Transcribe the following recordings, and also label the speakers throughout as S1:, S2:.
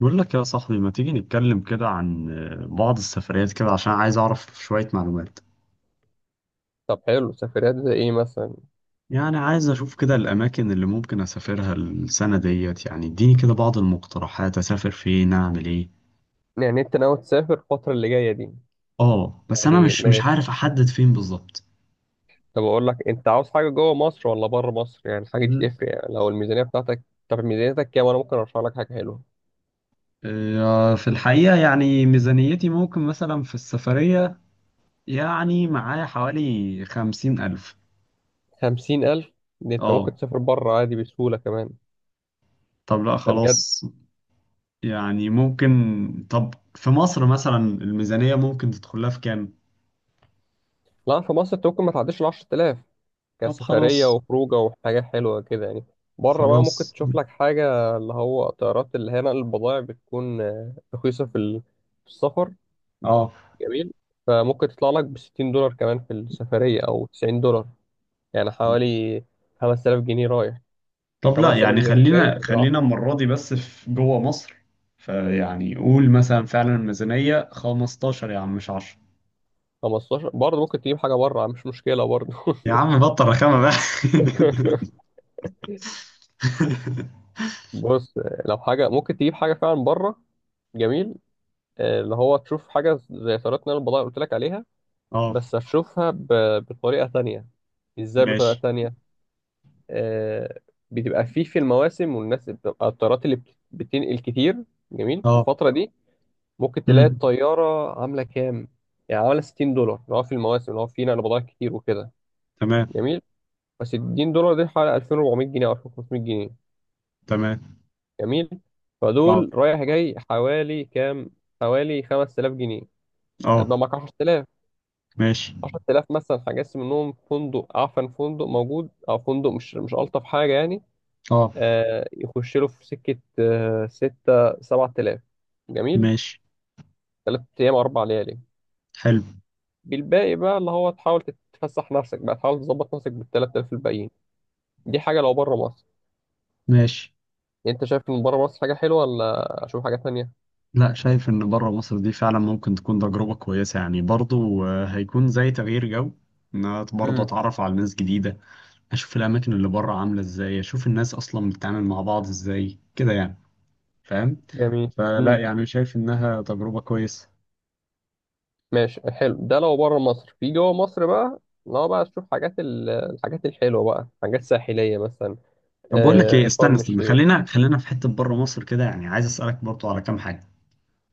S1: بقول لك يا صاحبي ما تيجي نتكلم كده عن بعض السفريات كده عشان عايز أعرف شوية معلومات.
S2: طب حلو، سفريات زي ايه مثلا؟
S1: يعني عايز أشوف كده الأماكن اللي ممكن أسافرها السنة ديت، يعني اديني كده بعض المقترحات، أسافر فين، أعمل إيه.
S2: يعني انت ناوي تسافر الفترة اللي جاية دي؟
S1: آه، بس أنا
S2: يعني
S1: مش
S2: ماشي.
S1: عارف أحدد فين بالظبط.
S2: طب اقول لك، انت عاوز حاجة جوه مصر ولا بره مصر؟ يعني الحاجة دي
S1: ل-
S2: تفرق، يعني لو الميزانية بتاعتك. طب ميزانيتك كام؟ انا ممكن ارشح لك حاجة حلوة.
S1: في الحقيقة يعني ميزانيتي ممكن مثلا في السفرية، يعني معايا حوالي خمسين ألف.
S2: 50,000؟ دي انت ممكن
S1: آه.
S2: تسافر بره عادي بسهولة كمان.
S1: طب لا
S2: ده بجد.
S1: خلاص، يعني ممكن. طب في مصر مثلا الميزانية ممكن تدخلها في كام؟
S2: لا، في مصر انت ممكن ما تعديش الـ 10,000،
S1: طب
S2: كسفرية
S1: خلاص.
S2: وخروجة وحاجة حلوة كده يعني. بره بقى ممكن
S1: خلاص.
S2: تشوف لك حاجة، اللي هو طيارات اللي هي نقل البضائع، بتكون رخيصة في السفر.
S1: اه.
S2: جميل. فممكن تطلع لك ب 60 دولار كمان في السفرية، أو 90 دولار، يعني حوالي 5000 جنيه رايح،
S1: طب لا
S2: 5000
S1: يعني
S2: زيهم جاي،
S1: خلينا
S2: فكده
S1: خلينا
S2: 10.
S1: المرة دي بس في جوه مصر. فيعني قول مثلا فعلا الميزانية 15 يا عم مش 10.
S2: 15 برضه ممكن تجيب حاجة بره، مش مشكلة برضه.
S1: يا عم بطل رخامة بقى.
S2: بص، لو حاجة ممكن تجيب حاجة فعلا بره. جميل. اللي هو تشوف حاجة زي طريقة نقل البضائع اللي قلت لك عليها.
S1: اه،
S2: بس هتشوفها بطريقة تانية. ازاي بطريقة
S1: ماشي.
S2: تانية؟ آه، بتبقى فيه في المواسم، والناس بتبقى الطيارات اللي بتنقل كتير. جميل في
S1: اه.
S2: الفترة دي. ممكن تلاقي
S1: امم.
S2: الطيارة عاملة كام. يعني عاملة 60 دولار لو في المواسم، لو في نقل بضائع كتير وكده.
S1: تمام.
S2: جميل. بس 60 دولار دي حوالي 2400 جنيه أو 2500 جنيه.
S1: تمام.
S2: جميل.
S1: اه.
S2: فدول رايح جاي حوالي كام؟ حوالي 5000 جنيه.
S1: اه.
S2: هتبقى معاك 10,000.
S1: ماشي.
S2: 10,000 مثلا هجس منهم فندق، عفن فندق موجود، أو فندق مش ألطف حاجة يعني.
S1: اه.
S2: آه يخش له في سكة، 6، 7,000. جميل.
S1: ماشي.
S2: 3 أيام 4 ليالي.
S1: حلو.
S2: بالباقي بقى اللي هو تحاول تتفسح نفسك بقى، تحاول تظبط نفسك بال 3000 الباقيين. دي حاجة لو بره مصر.
S1: ماشي.
S2: يعني انت شايف ان بره مصر حاجة حلوة ولا اشوف حاجة تانية؟
S1: لا، شايف ان بره مصر دي فعلا ممكن تكون تجربة كويسة يعني، برضو هيكون زي تغيير جو، ان انا برضه
S2: امم.
S1: اتعرف على ناس جديدة، اشوف الاماكن اللي بره عاملة ازاي، اشوف الناس اصلا بتتعامل مع بعض ازاي كده يعني، فاهم؟
S2: جميل.
S1: فلا،
S2: امم.
S1: يعني شايف انها تجربة كويسة.
S2: ماشي، حلو ده لو بره مصر. في جوه مصر بقى، لو بقى تشوف حاجات الحاجات الحلوة بقى، حاجات ساحلية مثلا،
S1: طب بقول لك ايه،
S2: آه
S1: استنى
S2: شرم
S1: استنى،
S2: الشيخ.
S1: خلينا خلينا في حتة بره مصر كده، يعني عايز اسألك برضو على كام حاجة.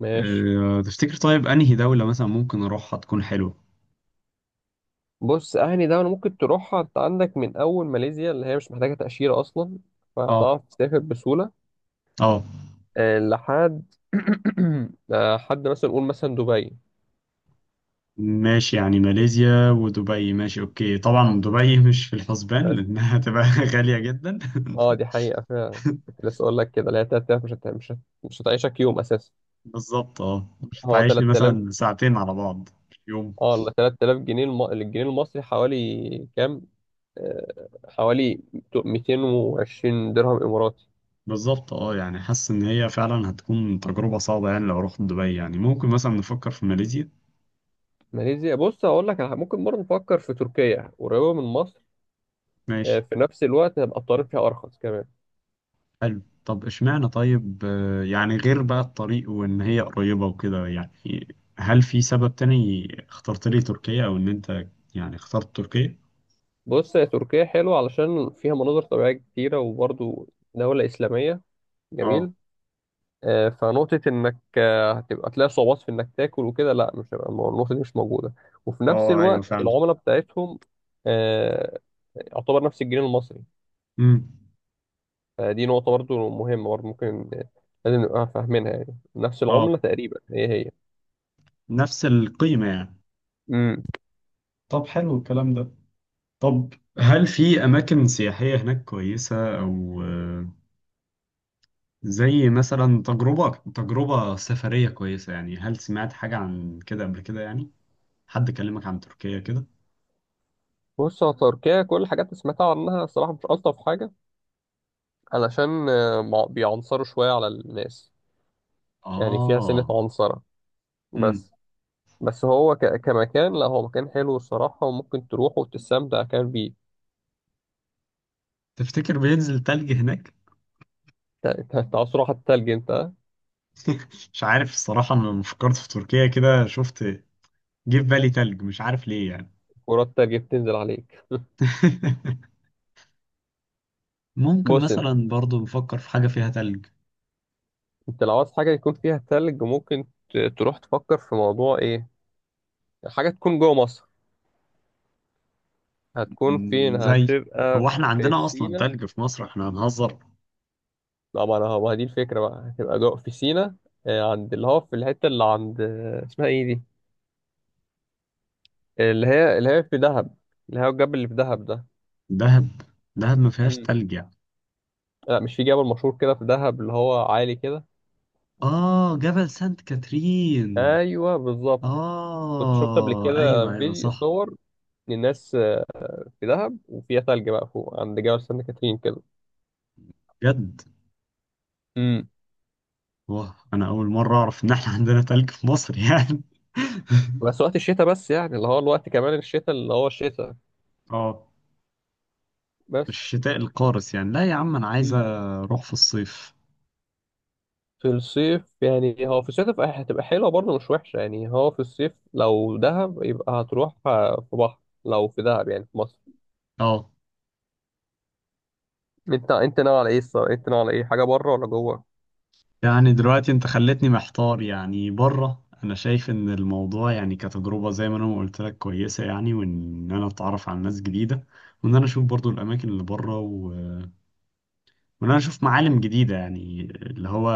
S2: ماشي.
S1: أه، تفتكر طيب انهي دولة مثلا ممكن اروحها تكون حلوة؟
S2: بص، أهني دولة ممكن تروحها أنت عندك من أول ماليزيا، اللي هي مش محتاجة تأشيرة أصلا،
S1: اه.
S2: فهتعرف تسافر بسهولة.
S1: اه.
S2: آه لحد حد مثلا، نقول مثلا دبي.
S1: ماشي، يعني ماليزيا ودبي، ماشي اوكي. طبعا دبي مش في الحسبان
S2: بس
S1: لانها هتبقى غالية جدا.
S2: اه دي حقيقة، فعلا كنت لسه اقول لك كده، اللي هي 3000 مش هتعيشك يوم اساسا.
S1: بالظبط، اه، مش
S2: هو
S1: هتعيش لي
S2: 3000.
S1: مثلا ساعتين على بعض في يوم.
S2: اه ال 3000 جنيه الجنيه المصري حوالي كام؟ حوالي 220 درهم اماراتي.
S1: بالظبط، اه، يعني حاسس ان هي فعلا هتكون تجربة صعبة، يعني لو رحت دبي، يعني ممكن مثلا نفكر في ماليزيا.
S2: ماليزيا، بص هقول لك ممكن برضه نفكر في تركيا، قريبة من مصر. آه
S1: ماشي،
S2: في نفس الوقت هيبقى الطريق فيها ارخص كمان.
S1: حلو. طب اشمعنى طيب، يعني غير بقى الطريق وان هي قريبة وكده، يعني هل في سبب تاني اخترت لي تركيا، او ان انت يعني اخترت تركيا؟
S2: بص، هي تركيا حلوة علشان فيها مناظر طبيعية كتيرة، وبرضه دولة إسلامية. جميل.
S1: اه.
S2: فنقطة إنك هتبقى تلاقي صعوبات في إنك تاكل وكده، لا مش هيبقى النقطة دي مش موجودة. وفي نفس
S1: اه، ايوه
S2: الوقت
S1: فعلا.
S2: العملة بتاعتهم، آه، يعتبر نفس الجنيه المصري.
S1: امم.
S2: فدي نقطة برضو مهمة، برضو ممكن لازم نبقى فاهمينها، يعني نفس
S1: اه.
S2: العملة تقريبا، هي هي.
S1: نفس القيمة يعني.
S2: امم.
S1: طب حلو الكلام ده. طب هل في أماكن سياحية هناك كويسة، أو زي مثلا تجربة، تجربة سفرية كويسة، يعني هل سمعت حاجة عن كده قبل كده، يعني حد كلمك عن تركيا كده؟
S2: بص يا تركيا، كل الحاجات اللي سمعتها عنها الصراحة مش ألطف حاجة. علشان بيعنصروا شوية على الناس، يعني فيها سنة
S1: آه.
S2: عنصرة.
S1: امم.
S2: بس. بس هو كمكان، لا هو مكان حلو الصراحة، وممكن تروح وتستمتع كمان بيه.
S1: تفتكر بينزل تلج هناك؟
S2: انت عاوز تروح على التلج انت؟
S1: مش عارف الصراحة، أنا لما فكرت في تركيا كده شفت، جه في بالي تلج، مش عارف ليه يعني.
S2: كرات التلج بتنزل عليك.
S1: ممكن
S2: بص انت،
S1: مثلا برضو نفكر في حاجة فيها تلج.
S2: انت لو عاوز حاجه يكون فيها تلج، ممكن تروح تفكر في موضوع ايه، حاجه تكون جوه مصر. هتكون فين؟
S1: زي،
S2: هتبقى
S1: هو احنا
S2: في
S1: عندنا اصلا
S2: سينا.
S1: تلج في مصر؟ احنا هنهزر.
S2: لا ما انا، هو دي الفكره بقى، هتبقى جوه في سينا. عند اللي هو في الحته اللي عند، اسمها ايه دي، اللي هي في دهب، اللي هو الجبل اللي في دهب ده.
S1: دهب؟ دهب ما فيهاش
S2: مم.
S1: تلج يعني.
S2: لا، مش في جبل مشهور كده في دهب اللي هو عالي كده؟
S1: اه، جبل سانت كاترين.
S2: ايوه بالظبط. كنت شفت قبل
S1: اه،
S2: كده
S1: ايوه، ايوه
S2: فيديو
S1: صح.
S2: صور الناس في دهب وفيها ثلج بقى فوق عند جبل سانت كاترين كده.
S1: جد؟
S2: امم.
S1: واه، انا اول مره اعرف ان احنا عندنا تلج في مصر يعني.
S2: بس وقت الشتاء بس يعني، اللي هو الوقت كمان الشتاء، اللي هو الشتاء
S1: اه.
S2: بس.
S1: الشتاء القارس يعني، لا يا عم انا عايز
S2: امم.
S1: اروح في الصيف.
S2: في الصيف يعني، هو في الصيف هتبقى حلوة برضه، مش وحشة يعني. هو في الصيف لو دهب يبقى هتروح في بحر، لو في دهب يعني في مصر.
S1: اه،
S2: انت ناوي على ايه الصراحة؟ انت ناوي على ايه؟ حاجة بره ولا جوه؟
S1: يعني دلوقتي انت خلتني محتار، يعني بره انا شايف ان الموضوع يعني كتجربة زي ما انا ما قلت لك كويسة، يعني وان انا اتعرف على ناس جديدة، وان انا اشوف برضو الاماكن اللي بره، وان انا اشوف معالم جديدة، يعني اللي هو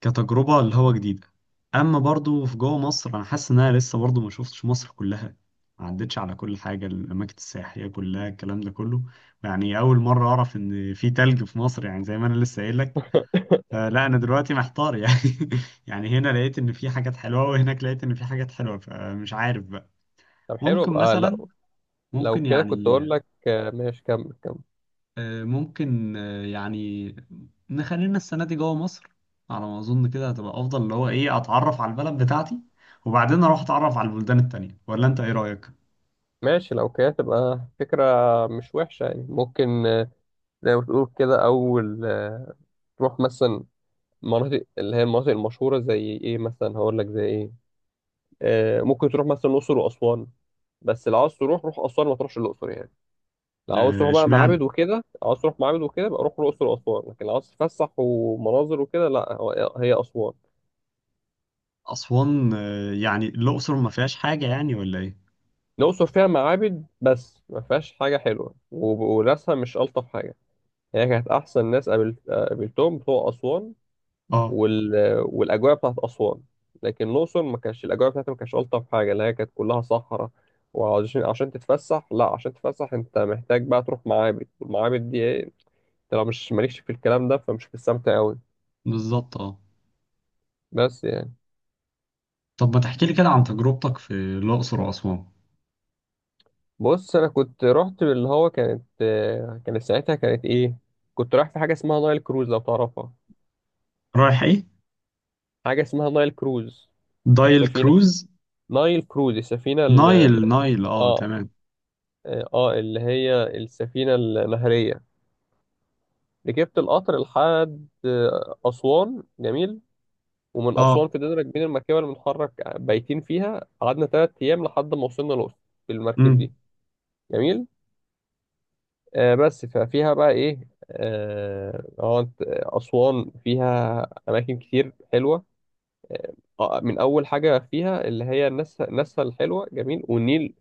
S1: كتجربة اللي هو جديدة. اما برضو في جوه مصر انا حاسس ان انا لسه برضو ما شفتش مصر كلها، ما عدتش على كل حاجة، الأماكن السياحية كلها الكلام ده كله، يعني أول مرة أعرف إن في تلج في مصر يعني، زي ما أنا لسه قايل لك. فلا انا دلوقتي محتار يعني. يعني هنا لقيت ان في حاجات حلوه، وهناك لقيت ان في حاجات حلوه، فمش عارف بقى.
S2: طب حلو،
S1: ممكن
S2: يبقى
S1: مثلا،
S2: لو، لو
S1: ممكن
S2: كده كنت
S1: يعني،
S2: اقول لك ماشي كمل كمل.
S1: ممكن يعني نخلينا السنه دي جوه مصر، على ما اظن كده هتبقى افضل، اللي هو ايه، اتعرف على البلد بتاعتي وبعدين اروح اتعرف على البلدان التانية، ولا انت ايه رايك؟
S2: ماشي، لو كده تبقى فكرة مش وحشة يعني، ممكن زي ما تقول كده، أول تروح مثلا مناطق، اللي هي المناطق المشهورة، زي إيه مثلا؟ هقول لك زي إيه. ممكن تروح مثلا الأقصر وأسوان. بس لو عاوز تروح، روح أسوان ما تروحش الأقصر يعني. لو عاوز تروح بقى معابد
S1: اشمعنى
S2: وكده، لو عاوز تروح معابد وكده بقى روح الأقصر وأسوان. لكن لو عاوز تتفسح ومناظر وكده، لا هي أسوان.
S1: اسوان؟ يعني الاقصر ما فيهاش حاجه يعني ولا ايه؟
S2: الأقصر فيها معابد بس، ما فيهاش حاجة حلوة، وناسها مش ألطف حاجة. هي كانت أحسن ناس قابلتهم بتوع أسوان.
S1: اه.
S2: وال... والاجواء بتاعت اسوان. لكن الاقصر ما كانش الاجواء بتاعتها، ما كانتش الطف حاجه، اللي هي كانت كلها صحراء. وعشان تتفسح، لا عشان تتفسح انت محتاج بقى تروح معابد، والمعابد دي ايه؟ انت لو مش مالكش في الكلام ده، فمش هتستمتع قوي.
S1: بالظبط، اه.
S2: بس يعني.
S1: طب ما تحكي لي كده عن تجربتك في الاقصر واسوان.
S2: بص انا كنت رحت، اللي هو كانت كانت ساعتها كانت ايه، كنت رايح في حاجه اسمها نايل كروز لو تعرفها.
S1: رايح ايه؟
S2: حاجه اسمها نايل كروز،
S1: دايل
S2: سفينه.
S1: كروز؟
S2: نايل كروز، السفينه
S1: نايل نايل، اه،
S2: اه.
S1: تمام.
S2: اه اللي هي السفينه النهريه. ركبت القطر لحد أسوان. جميل. ومن
S1: اه.
S2: أسوان فضلنا راكبين المركبة اللي بنتحرك بايتين فيها، قعدنا 3 أيام لحد ما وصلنا الأقصر، بالمركب
S1: امم.
S2: دي. جميل. آه بس ففيها بقى إيه؟ آه هو أنت- أسوان فيها أماكن كتير حلوة. آه. من أول حاجة فيها اللي هي الناس الحلوة، جميل، والنيل،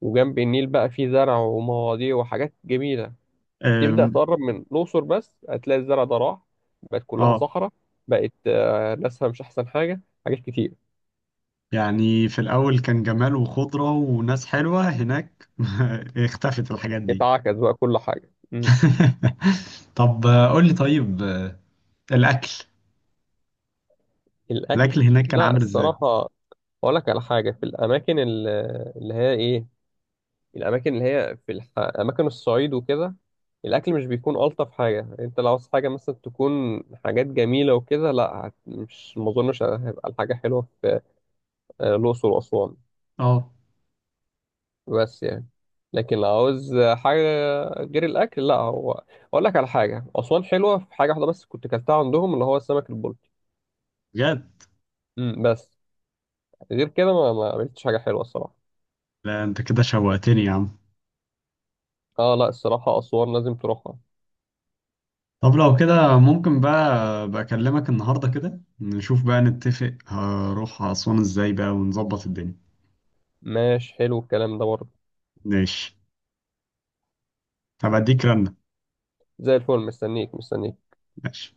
S2: وجنب النيل بقى فيه زرع ومواضيع وحاجات جميلة. تبدأ
S1: أم.
S2: تقرب من الأقصر بس هتلاقي الزرع ده راح، بقت كلها
S1: اه،
S2: صحراء. بقت ناسها مش أحسن حاجة، حاجات كتير
S1: يعني في الأول كان جمال وخضرة وناس حلوة هناك. اختفت الحاجات دي.
S2: اتعكس بقى كل حاجة. مم.
S1: طب قول لي طيب، الأكل، الأكل
S2: الأكل،
S1: هناك كان
S2: لا
S1: عامل ازاي؟
S2: الصراحة، أقول لك على حاجة في الأماكن اللي هي إيه، الأماكن اللي هي أماكن الصعيد وكده، الأكل مش بيكون ألطف حاجة. أنت لو عاوز حاجة مثلا تكون حاجات جميلة وكده، لا مش ما أظنش هيبقى الحاجة حلوة في الأقصر وأسوان.
S1: اه،
S2: بس يعني، لكن لو عاوز حاجة غير الأكل، لا هو، أقول لك على حاجة أسوان حلوة في حاجة واحدة بس كنت كلتها عندهم، اللي هو السمك البلطي.
S1: بجد؟
S2: بس. غير كده ما عملتش حاجة حلوة الصراحة.
S1: لا انت كده شوقتني يا عم.
S2: اه لا، الصراحة أسوان لازم تروحها.
S1: طب لو كده ممكن بقى، بكلمك النهاردة كده، نشوف بقى، نتفق هروح أسوان ازاي بقى ونظبط الدنيا.
S2: ماشي حلو الكلام ده برضه.
S1: ماشي. هبقى اديك رنة.
S2: زي الفل، مستنيك مستنيك.
S1: ماشي.